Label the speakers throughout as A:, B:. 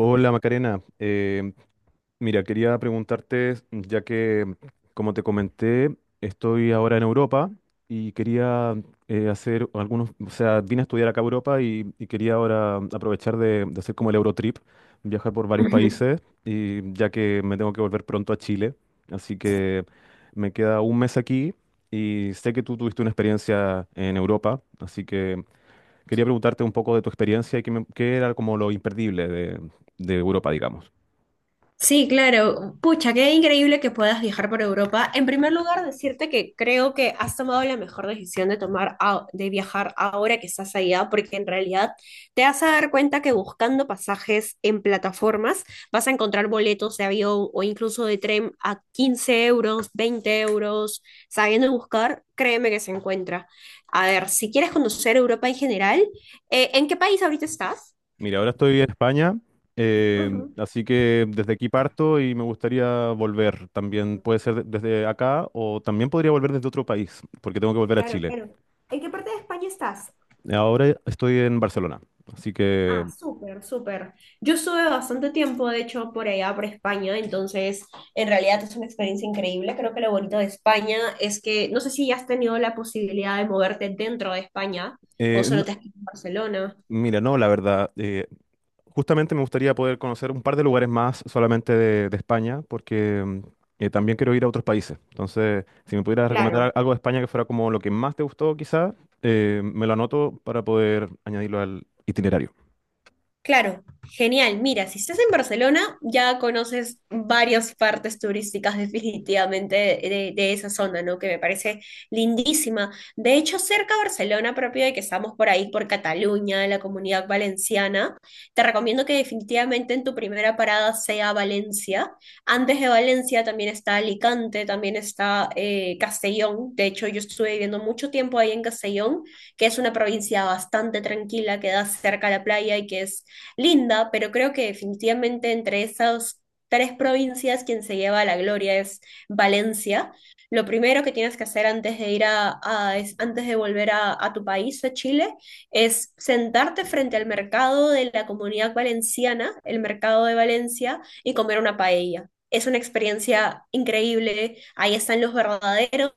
A: Hola Macarena, mira, quería preguntarte, ya que como te comenté, estoy ahora en Europa y quería hacer algunos, o sea, vine a estudiar acá a Europa y quería ahora aprovechar de hacer como el Eurotrip, viajar por varios
B: Ujú.
A: países y ya que me tengo que volver pronto a Chile, así que me queda un mes aquí y sé que tú tuviste una experiencia en Europa, así que quería preguntarte un poco de tu experiencia y qué, qué era como lo imperdible de Europa, digamos.
B: Sí, claro. Pucha, qué increíble que puedas viajar por Europa. En primer lugar, decirte que creo que has tomado la mejor decisión de viajar ahora que estás allá, porque en realidad te vas a dar cuenta que buscando pasajes en plataformas vas a encontrar boletos de avión o incluso de tren a 15 euros, 20 euros. Sabiendo buscar, créeme que se encuentra. A ver, si quieres conocer Europa en general, ¿en qué país ahorita estás?
A: Mira, ahora estoy en España,
B: Ujú.
A: así que desde aquí parto y me gustaría volver. También puede ser desde acá o también podría volver desde otro país, porque tengo que volver a
B: Claro,
A: Chile.
B: claro. ¿En qué parte de España estás?
A: Ahora estoy en Barcelona, así que.
B: Ah, súper, súper. Yo estuve bastante tiempo, de hecho, por allá, por España, entonces en realidad es una experiencia increíble. Creo que lo bonito de España es que no sé si ya has tenido la posibilidad de moverte dentro de España o
A: eh,
B: solo
A: no-
B: te has quedado en Barcelona.
A: Mira, no, la verdad. Justamente me gustaría poder conocer un par de lugares más solamente de España, porque también quiero ir a otros países. Entonces, si me pudieras recomendar
B: Claro.
A: algo de España que fuera como lo que más te gustó, quizás, me lo anoto para poder añadirlo al itinerario.
B: Claro, genial. Mira, si estás en Barcelona, ya conoces varias partes turísticas definitivamente de esa zona, ¿no? Que me parece lindísima. De hecho, cerca de Barcelona, propio de que estamos por ahí, por Cataluña, la Comunidad Valenciana, te recomiendo que definitivamente en tu primera parada sea Valencia. Antes de Valencia también está Alicante, también está Castellón. De hecho, yo estuve viviendo mucho tiempo ahí en Castellón, que es una provincia bastante tranquila, que da cerca a la playa y que es linda, pero creo que definitivamente entre esas tres provincias quien se lleva la gloria es Valencia. Lo primero que tienes que hacer antes de ir antes de volver a tu país, a Chile, es sentarte frente al mercado de la comunidad valenciana, el mercado de Valencia, y comer una paella. Es una experiencia increíble. Ahí están los verdaderos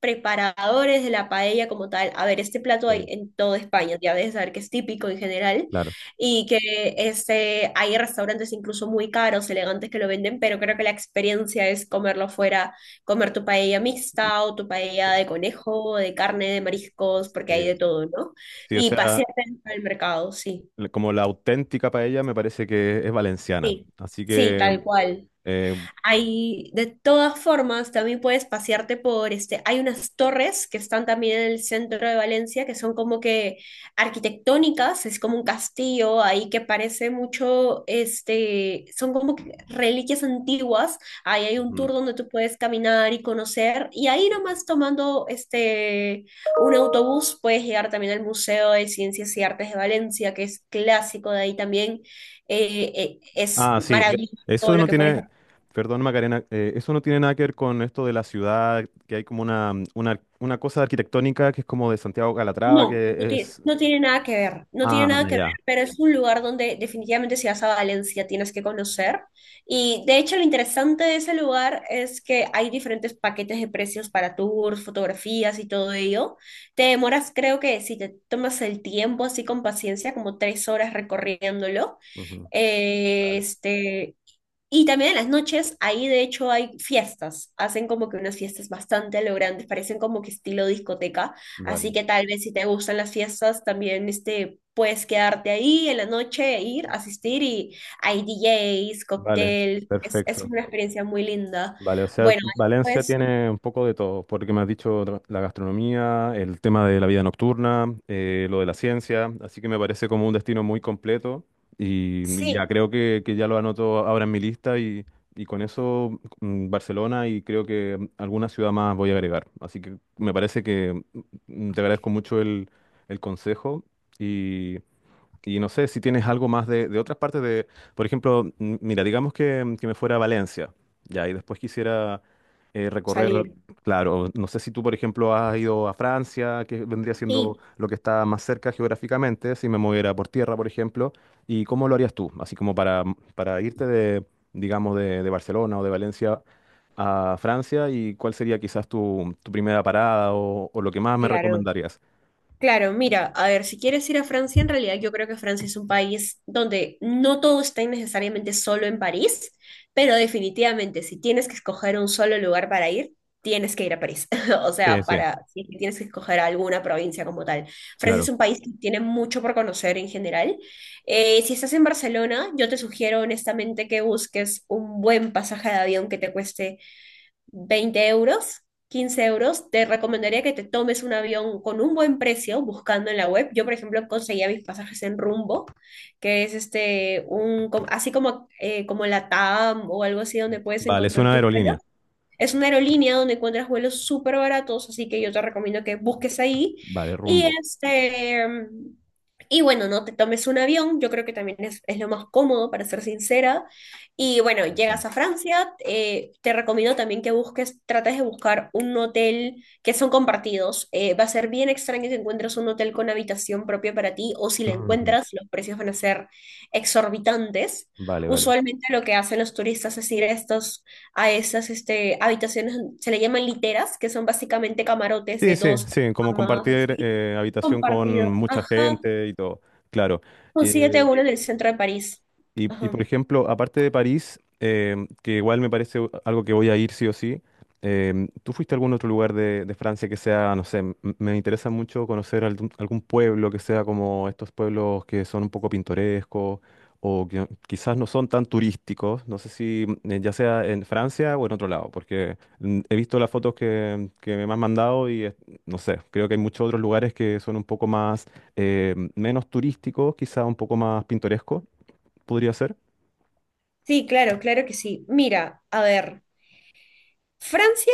B: preparadores de la paella como tal. A ver, este plato hay
A: Sí,
B: en toda España, ya debes saber que es típico en general,
A: claro.
B: y que hay restaurantes incluso muy caros, elegantes que lo venden, pero creo que la experiencia es comerlo fuera, comer tu paella mixta o tu paella de conejo, de carne, de mariscos, porque hay de
A: Sí.
B: todo, ¿no?
A: Sí, o
B: Y
A: sea,
B: pasear dentro del mercado. Sí,
A: como la auténtica paella me parece que es valenciana.
B: sí,
A: Así
B: sí,
A: que
B: tal cual.
A: eh,
B: Hay, de todas formas, también puedes pasearte por este. Hay unas torres que están también en el centro de Valencia que son como que arquitectónicas, es como un castillo ahí que parece mucho, son como que reliquias antiguas. Ahí hay un
A: Ujú.
B: tour donde tú puedes caminar y conocer. Y ahí nomás tomando un autobús puedes llegar también al Museo de Ciencias y Artes de Valencia, que es clásico de ahí también. Es
A: Ah, sí,
B: maravilloso todo
A: eso
B: lo
A: no
B: que puedes.
A: tiene, perdón Macarena, eso no tiene nada que ver con esto de la ciudad, que hay como una cosa arquitectónica que es como de Santiago Calatrava,
B: No, no
A: que
B: tiene,
A: es.
B: no tiene nada que ver, no tiene
A: Ah,
B: nada que ver,
A: ya.
B: pero es un lugar donde definitivamente si vas a Valencia tienes que conocer. Y de hecho lo interesante de ese lugar es que hay diferentes paquetes de precios para tours, fotografías y todo ello. Te demoras, creo que si te tomas el tiempo así con paciencia, como 3 horas recorriéndolo.
A: Ujú,
B: eh,
A: vale,
B: este, y también en las noches, ahí de hecho hay fiestas, hacen como que unas fiestas bastante a lo grandes, parecen como que estilo discoteca, así
A: vale,
B: que tal vez si te gustan las fiestas, también puedes quedarte ahí en la noche, e ir, asistir y hay DJs,
A: vale,
B: cóctel, es
A: perfecto.
B: una experiencia muy linda.
A: Vale, o sea,
B: Bueno,
A: Valencia
B: después
A: tiene un poco de todo, porque me has dicho la gastronomía, el tema de la vida nocturna, lo de la ciencia, así que me parece como un destino muy completo y ya
B: sí,
A: creo que ya lo anoto ahora en mi lista y con eso Barcelona y creo que alguna ciudad más voy a agregar. Así que me parece que te agradezco mucho el consejo y no sé si tienes algo más de otras partes de, por ejemplo, mira, digamos que, que me fuera a Valencia, ya, y después quisiera recorrer.
B: salir,
A: Claro, no sé si tú, por ejemplo, has ido a Francia, que vendría siendo
B: sí,
A: lo que está más cerca geográficamente, si me moviera por tierra, por ejemplo, y cómo lo harías tú, así como para irte de, digamos, de Barcelona o de Valencia a Francia, y cuál sería quizás tu primera parada o lo que más me
B: claro.
A: recomendarías.
B: Claro, mira, a ver, si quieres ir a Francia, en realidad yo creo que Francia es un país donde no todo está necesariamente solo en París, pero definitivamente si tienes que escoger un solo lugar para ir, tienes que ir a París. O
A: Sí,
B: sea,
A: sí,
B: para si es que tienes que escoger alguna provincia como tal. Francia es
A: claro.
B: un país que tiene mucho por conocer en general. Si estás en Barcelona, yo te sugiero honestamente que busques un buen pasaje de avión que te cueste 20 euros, 15 euros, te recomendaría que te tomes un avión con un buen precio buscando en la web. Yo, por ejemplo, conseguía mis pasajes en Rumbo, que es así como, como la TAM o algo así donde puedes
A: Vale, es
B: encontrar
A: una
B: tu vuelo.
A: aerolínea.
B: Es una aerolínea donde encuentras vuelos súper baratos, así que yo te recomiendo que busques ahí.
A: Vale,
B: Y
A: rumbo.
B: este, y bueno, no te tomes un avión, yo creo que también es lo más cómodo, para ser sincera. Y bueno,
A: Sí, sí.
B: llegas a Francia, te recomiendo también que busques, trates de buscar un hotel que son compartidos. Va a ser bien extraño que encuentres un hotel con habitación propia para ti, o si la
A: Ujú.
B: encuentras, los precios van a ser exorbitantes.
A: Vale, vale.
B: Usualmente lo que hacen los turistas es ir a esas habitaciones, se le llaman literas, que son básicamente camarotes
A: Sí,
B: de
A: sí,
B: dos, tres
A: sí, como
B: camas,
A: compartir
B: así,
A: habitación
B: compartido.
A: con mucha
B: Ajá,
A: gente y todo. Claro. Eh,
B: consíguete uno en el centro de París.
A: y,
B: Ajá.
A: por ejemplo, aparte de París, que igual me parece algo que voy a ir sí o sí, ¿tú fuiste a algún otro lugar de Francia que sea, no sé, me interesa mucho conocer algún pueblo que sea como estos pueblos que son un poco pintorescos o que no, quizás no son tan turísticos? No sé si ya sea en Francia o en otro lado, porque he visto las fotos que me han mandado y no sé, creo que hay muchos otros lugares que son un poco más, menos turísticos, quizás un poco más pintorescos, podría ser.
B: Sí, claro, claro que sí. Mira, a ver. Francia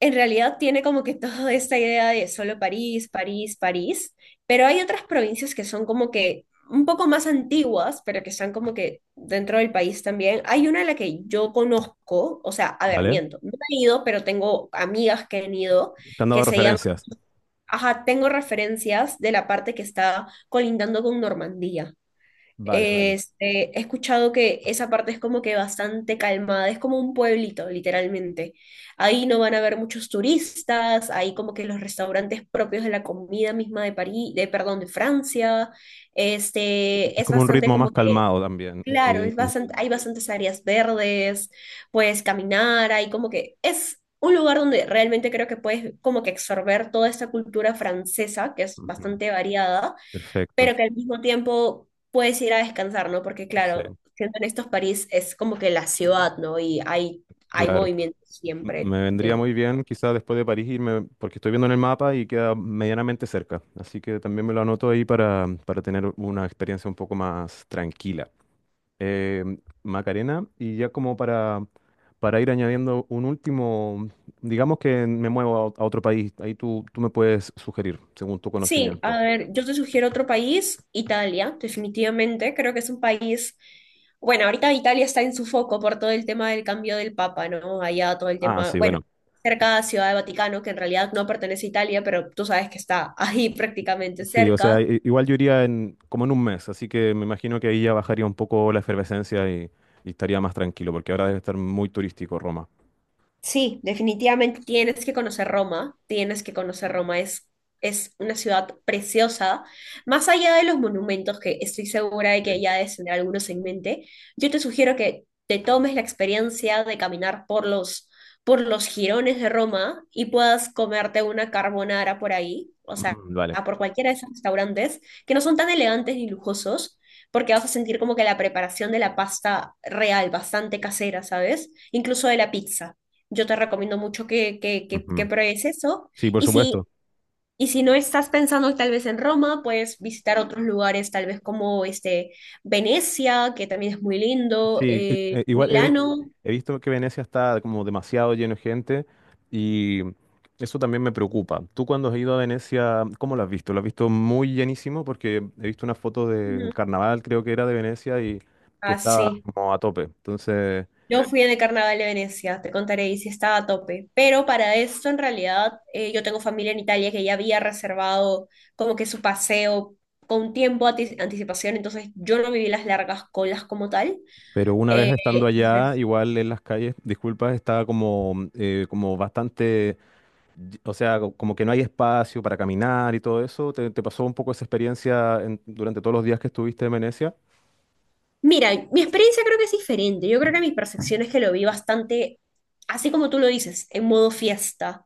B: en realidad tiene como que toda esta idea de solo París, París, París, pero hay otras provincias que son como que un poco más antiguas, pero que están como que dentro del país también. Hay una a la que yo conozco, o sea, a ver,
A: ¿Vale?
B: miento, no he ido, pero tengo amigas que han ido,
A: Te han dado
B: que se llama,
A: referencias.
B: ajá, tengo referencias de la parte que está colindando con Normandía.
A: Vale, vale.
B: He escuchado que esa parte es como que bastante calmada, es como un pueblito, literalmente. Ahí no van a haber muchos turistas, ahí como que los restaurantes propios de la comida misma de París, de, perdón, de Francia.
A: Es
B: Es
A: como un
B: bastante
A: ritmo más
B: como que,
A: calmado también.
B: claro,
A: Y-
B: es
A: y-
B: bastante, hay bastantes áreas verdes, puedes caminar, hay como que es un lugar donde realmente creo que puedes como que absorber toda esta cultura francesa, que es
A: ujú,
B: bastante variada
A: Perfecto.
B: pero que al mismo tiempo puedes ir a descansar, ¿no? Porque
A: Sí,
B: claro, siendo en estos París es como que la ciudad, ¿no? Y hay
A: claro.
B: movimiento siempre.
A: Me vendría
B: eh.
A: muy bien quizás después de París irme, porque estoy viendo en el mapa y queda medianamente cerca. Así que también me lo anoto ahí para tener una experiencia un poco más tranquila. Eh, Macarena, y ya como para ir añadiendo un último, digamos que me muevo a otro país, ahí tú me puedes sugerir, según tu
B: Sí, a
A: conocimiento.
B: ver, yo te sugiero otro país, Italia, definitivamente. Creo que es un país, bueno, ahorita Italia está en su foco por todo el tema del cambio del Papa, ¿no? Allá todo el
A: Ah,
B: tema,
A: sí,
B: bueno,
A: bueno.
B: cerca de Ciudad de Vaticano, que en realidad no pertenece a Italia, pero tú sabes que está ahí prácticamente
A: Sí, o sea,
B: cerca.
A: igual yo iría en, como en un mes, así que me imagino que ahí ya bajaría un poco la efervescencia y estaría más tranquilo, porque ahora debe estar muy turístico Roma.
B: Sí, definitivamente tienes que conocer Roma, tienes que conocer Roma, es una ciudad preciosa. Más allá de los monumentos, que estoy segura de
A: Sí.
B: que ya debes tener algunos en mente, yo te sugiero que te tomes la experiencia de caminar por los jirones de Roma y puedas comerte una carbonara por ahí, o sea,
A: Mm, vale.
B: por cualquiera de esos restaurantes, que no son tan elegantes ni lujosos, porque vas a sentir como que la preparación de la pasta real, bastante casera, ¿sabes? Incluso de la pizza yo te recomiendo mucho que
A: Ujú.
B: pruebes eso.
A: Sí, por
B: Y si,
A: supuesto.
B: y si no estás pensando tal vez en Roma, puedes visitar otros lugares, tal vez como este, Venecia, que también es muy lindo,
A: Sí, igual
B: Milano.
A: he visto que Venecia está como demasiado lleno de gente y eso también me preocupa. Tú cuando has ido a Venecia, ¿cómo lo has visto? ¿Lo has visto muy llenísimo? Porque he visto una foto del
B: Ujú.
A: carnaval, creo que era de Venecia, y que
B: Ah,
A: estaba
B: sí.
A: como a tope. Entonces.
B: Yo fui en el Carnaval de Venecia, te contaré, y sí estaba a tope. Pero para esto, en realidad, yo tengo familia en Italia que ya había reservado como que su paseo con tiempo, ati- anticipación, entonces yo no viví las largas colas como tal.
A: Pero una vez
B: Eh,
A: estando allá,
B: entonces,
A: igual en las calles, disculpas, estaba como, como bastante, o sea, como que no hay espacio para caminar y todo eso. ¿Te pasó un poco esa experiencia durante todos los días que estuviste en Venecia?
B: mira, mi experiencia creo que es diferente. Yo creo que mi percepción es que lo vi bastante, así como tú lo dices, en modo fiesta,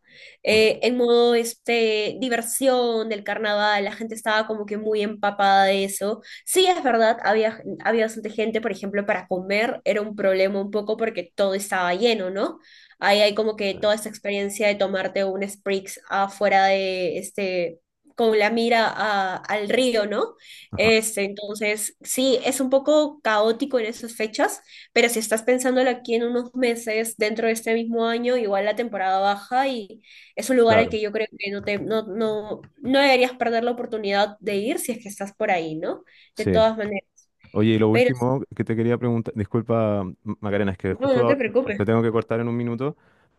A: Ujú.
B: en modo diversión del carnaval. La gente estaba como que muy empapada de eso. Sí, es verdad, había, había bastante gente, por ejemplo, para comer era un problema un poco porque todo estaba lleno, ¿no? Ahí hay como que toda esta experiencia de tomarte un Sprix afuera de con la mira al río, ¿no?
A: Ajá,
B: Entonces, sí, es un poco caótico en esas fechas, pero si estás pensándolo aquí en unos meses, dentro de este mismo año, igual la temporada baja y es un lugar al
A: claro.
B: que yo creo que no te, no, no, no deberías perder la oportunidad de ir si es que estás por ahí, ¿no? De
A: Sí.
B: todas maneras,
A: Oye, y lo
B: pero
A: último que te quería preguntar, disculpa Macarena, es que
B: no,
A: justo
B: no te
A: ahora
B: preocupes.
A: te tengo que cortar en un minuto.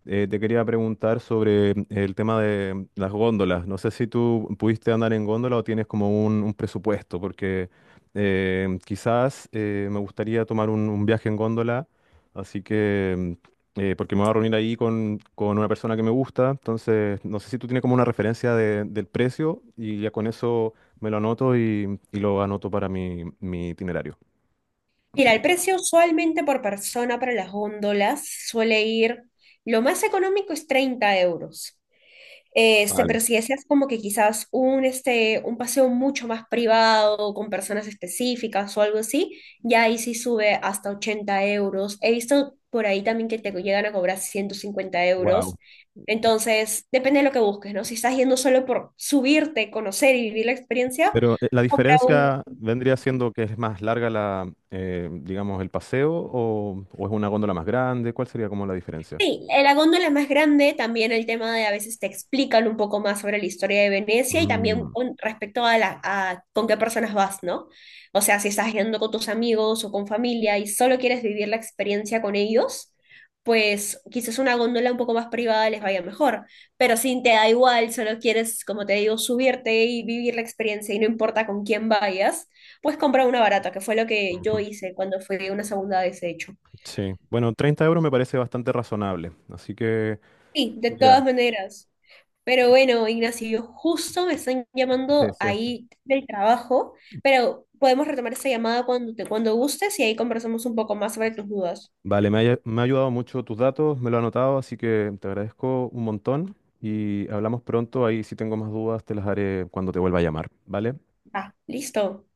A: Te quería preguntar sobre el tema de las góndolas. No sé si tú pudiste andar en góndola o tienes como un presupuesto, porque quizás me gustaría tomar un viaje en góndola, así que, porque me voy a reunir ahí con una persona que me gusta, entonces no sé si tú tienes como una referencia del precio y ya con eso me lo anoto y lo anoto para mi itinerario.
B: Mira,
A: Itine-
B: el precio usualmente por persona para las góndolas suele ir, lo más económico es 30 euros.
A: Vale,
B: Pero si deseas como que quizás un paseo mucho más privado, con personas específicas o algo así, ya ahí sí sube hasta 80 euros. He visto por ahí también que te llegan a cobrar ciento cincuenta
A: wow.
B: euros. Entonces, depende de lo que busques, ¿no? Si estás yendo solo por subirte, conocer y vivir la experiencia,
A: Pero la
B: compra un.
A: diferencia vendría siendo que es más larga digamos, el paseo o es una góndola más grande. ¿Cuál sería como la diferencia?
B: Sí, la góndola es más grande, también el tema de a veces te explican un poco más sobre la historia de Venecia y también
A: Mm,
B: con respecto a, la, a con qué personas vas, ¿no? O
A: sí,
B: sea, si estás yendo con tus amigos o con familia y solo quieres vivir la experiencia con ellos, pues quizás una góndola un poco más privada les vaya mejor, pero si te da igual, solo quieres, como te digo, subirte y vivir la experiencia y no importa con quién vayas, pues compra una barata, que fue lo que yo
A: ujú.
B: hice cuando fue una segunda vez, de hecho.
A: Sí, bueno, 30 € me parece bastante razonable. Así que,
B: Sí, de
A: mira,
B: todas maneras. Pero bueno, Ignacio, justo me están
A: sí,
B: llamando
A: sí.
B: ahí del trabajo, pero podemos retomar esta llamada cuando te, cuando gustes y ahí conversamos un poco más sobre tus dudas.
A: Vale, me ha ayudado mucho tus datos, me lo he anotado, así que te agradezco un montón y hablamos pronto. Ahí si tengo más dudas te las haré cuando te vuelva a llamar, ¿vale?
B: Ah, listo.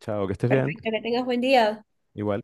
A: Chao, que estés bien.
B: Perfecto, que tengas buen día.
A: Igual.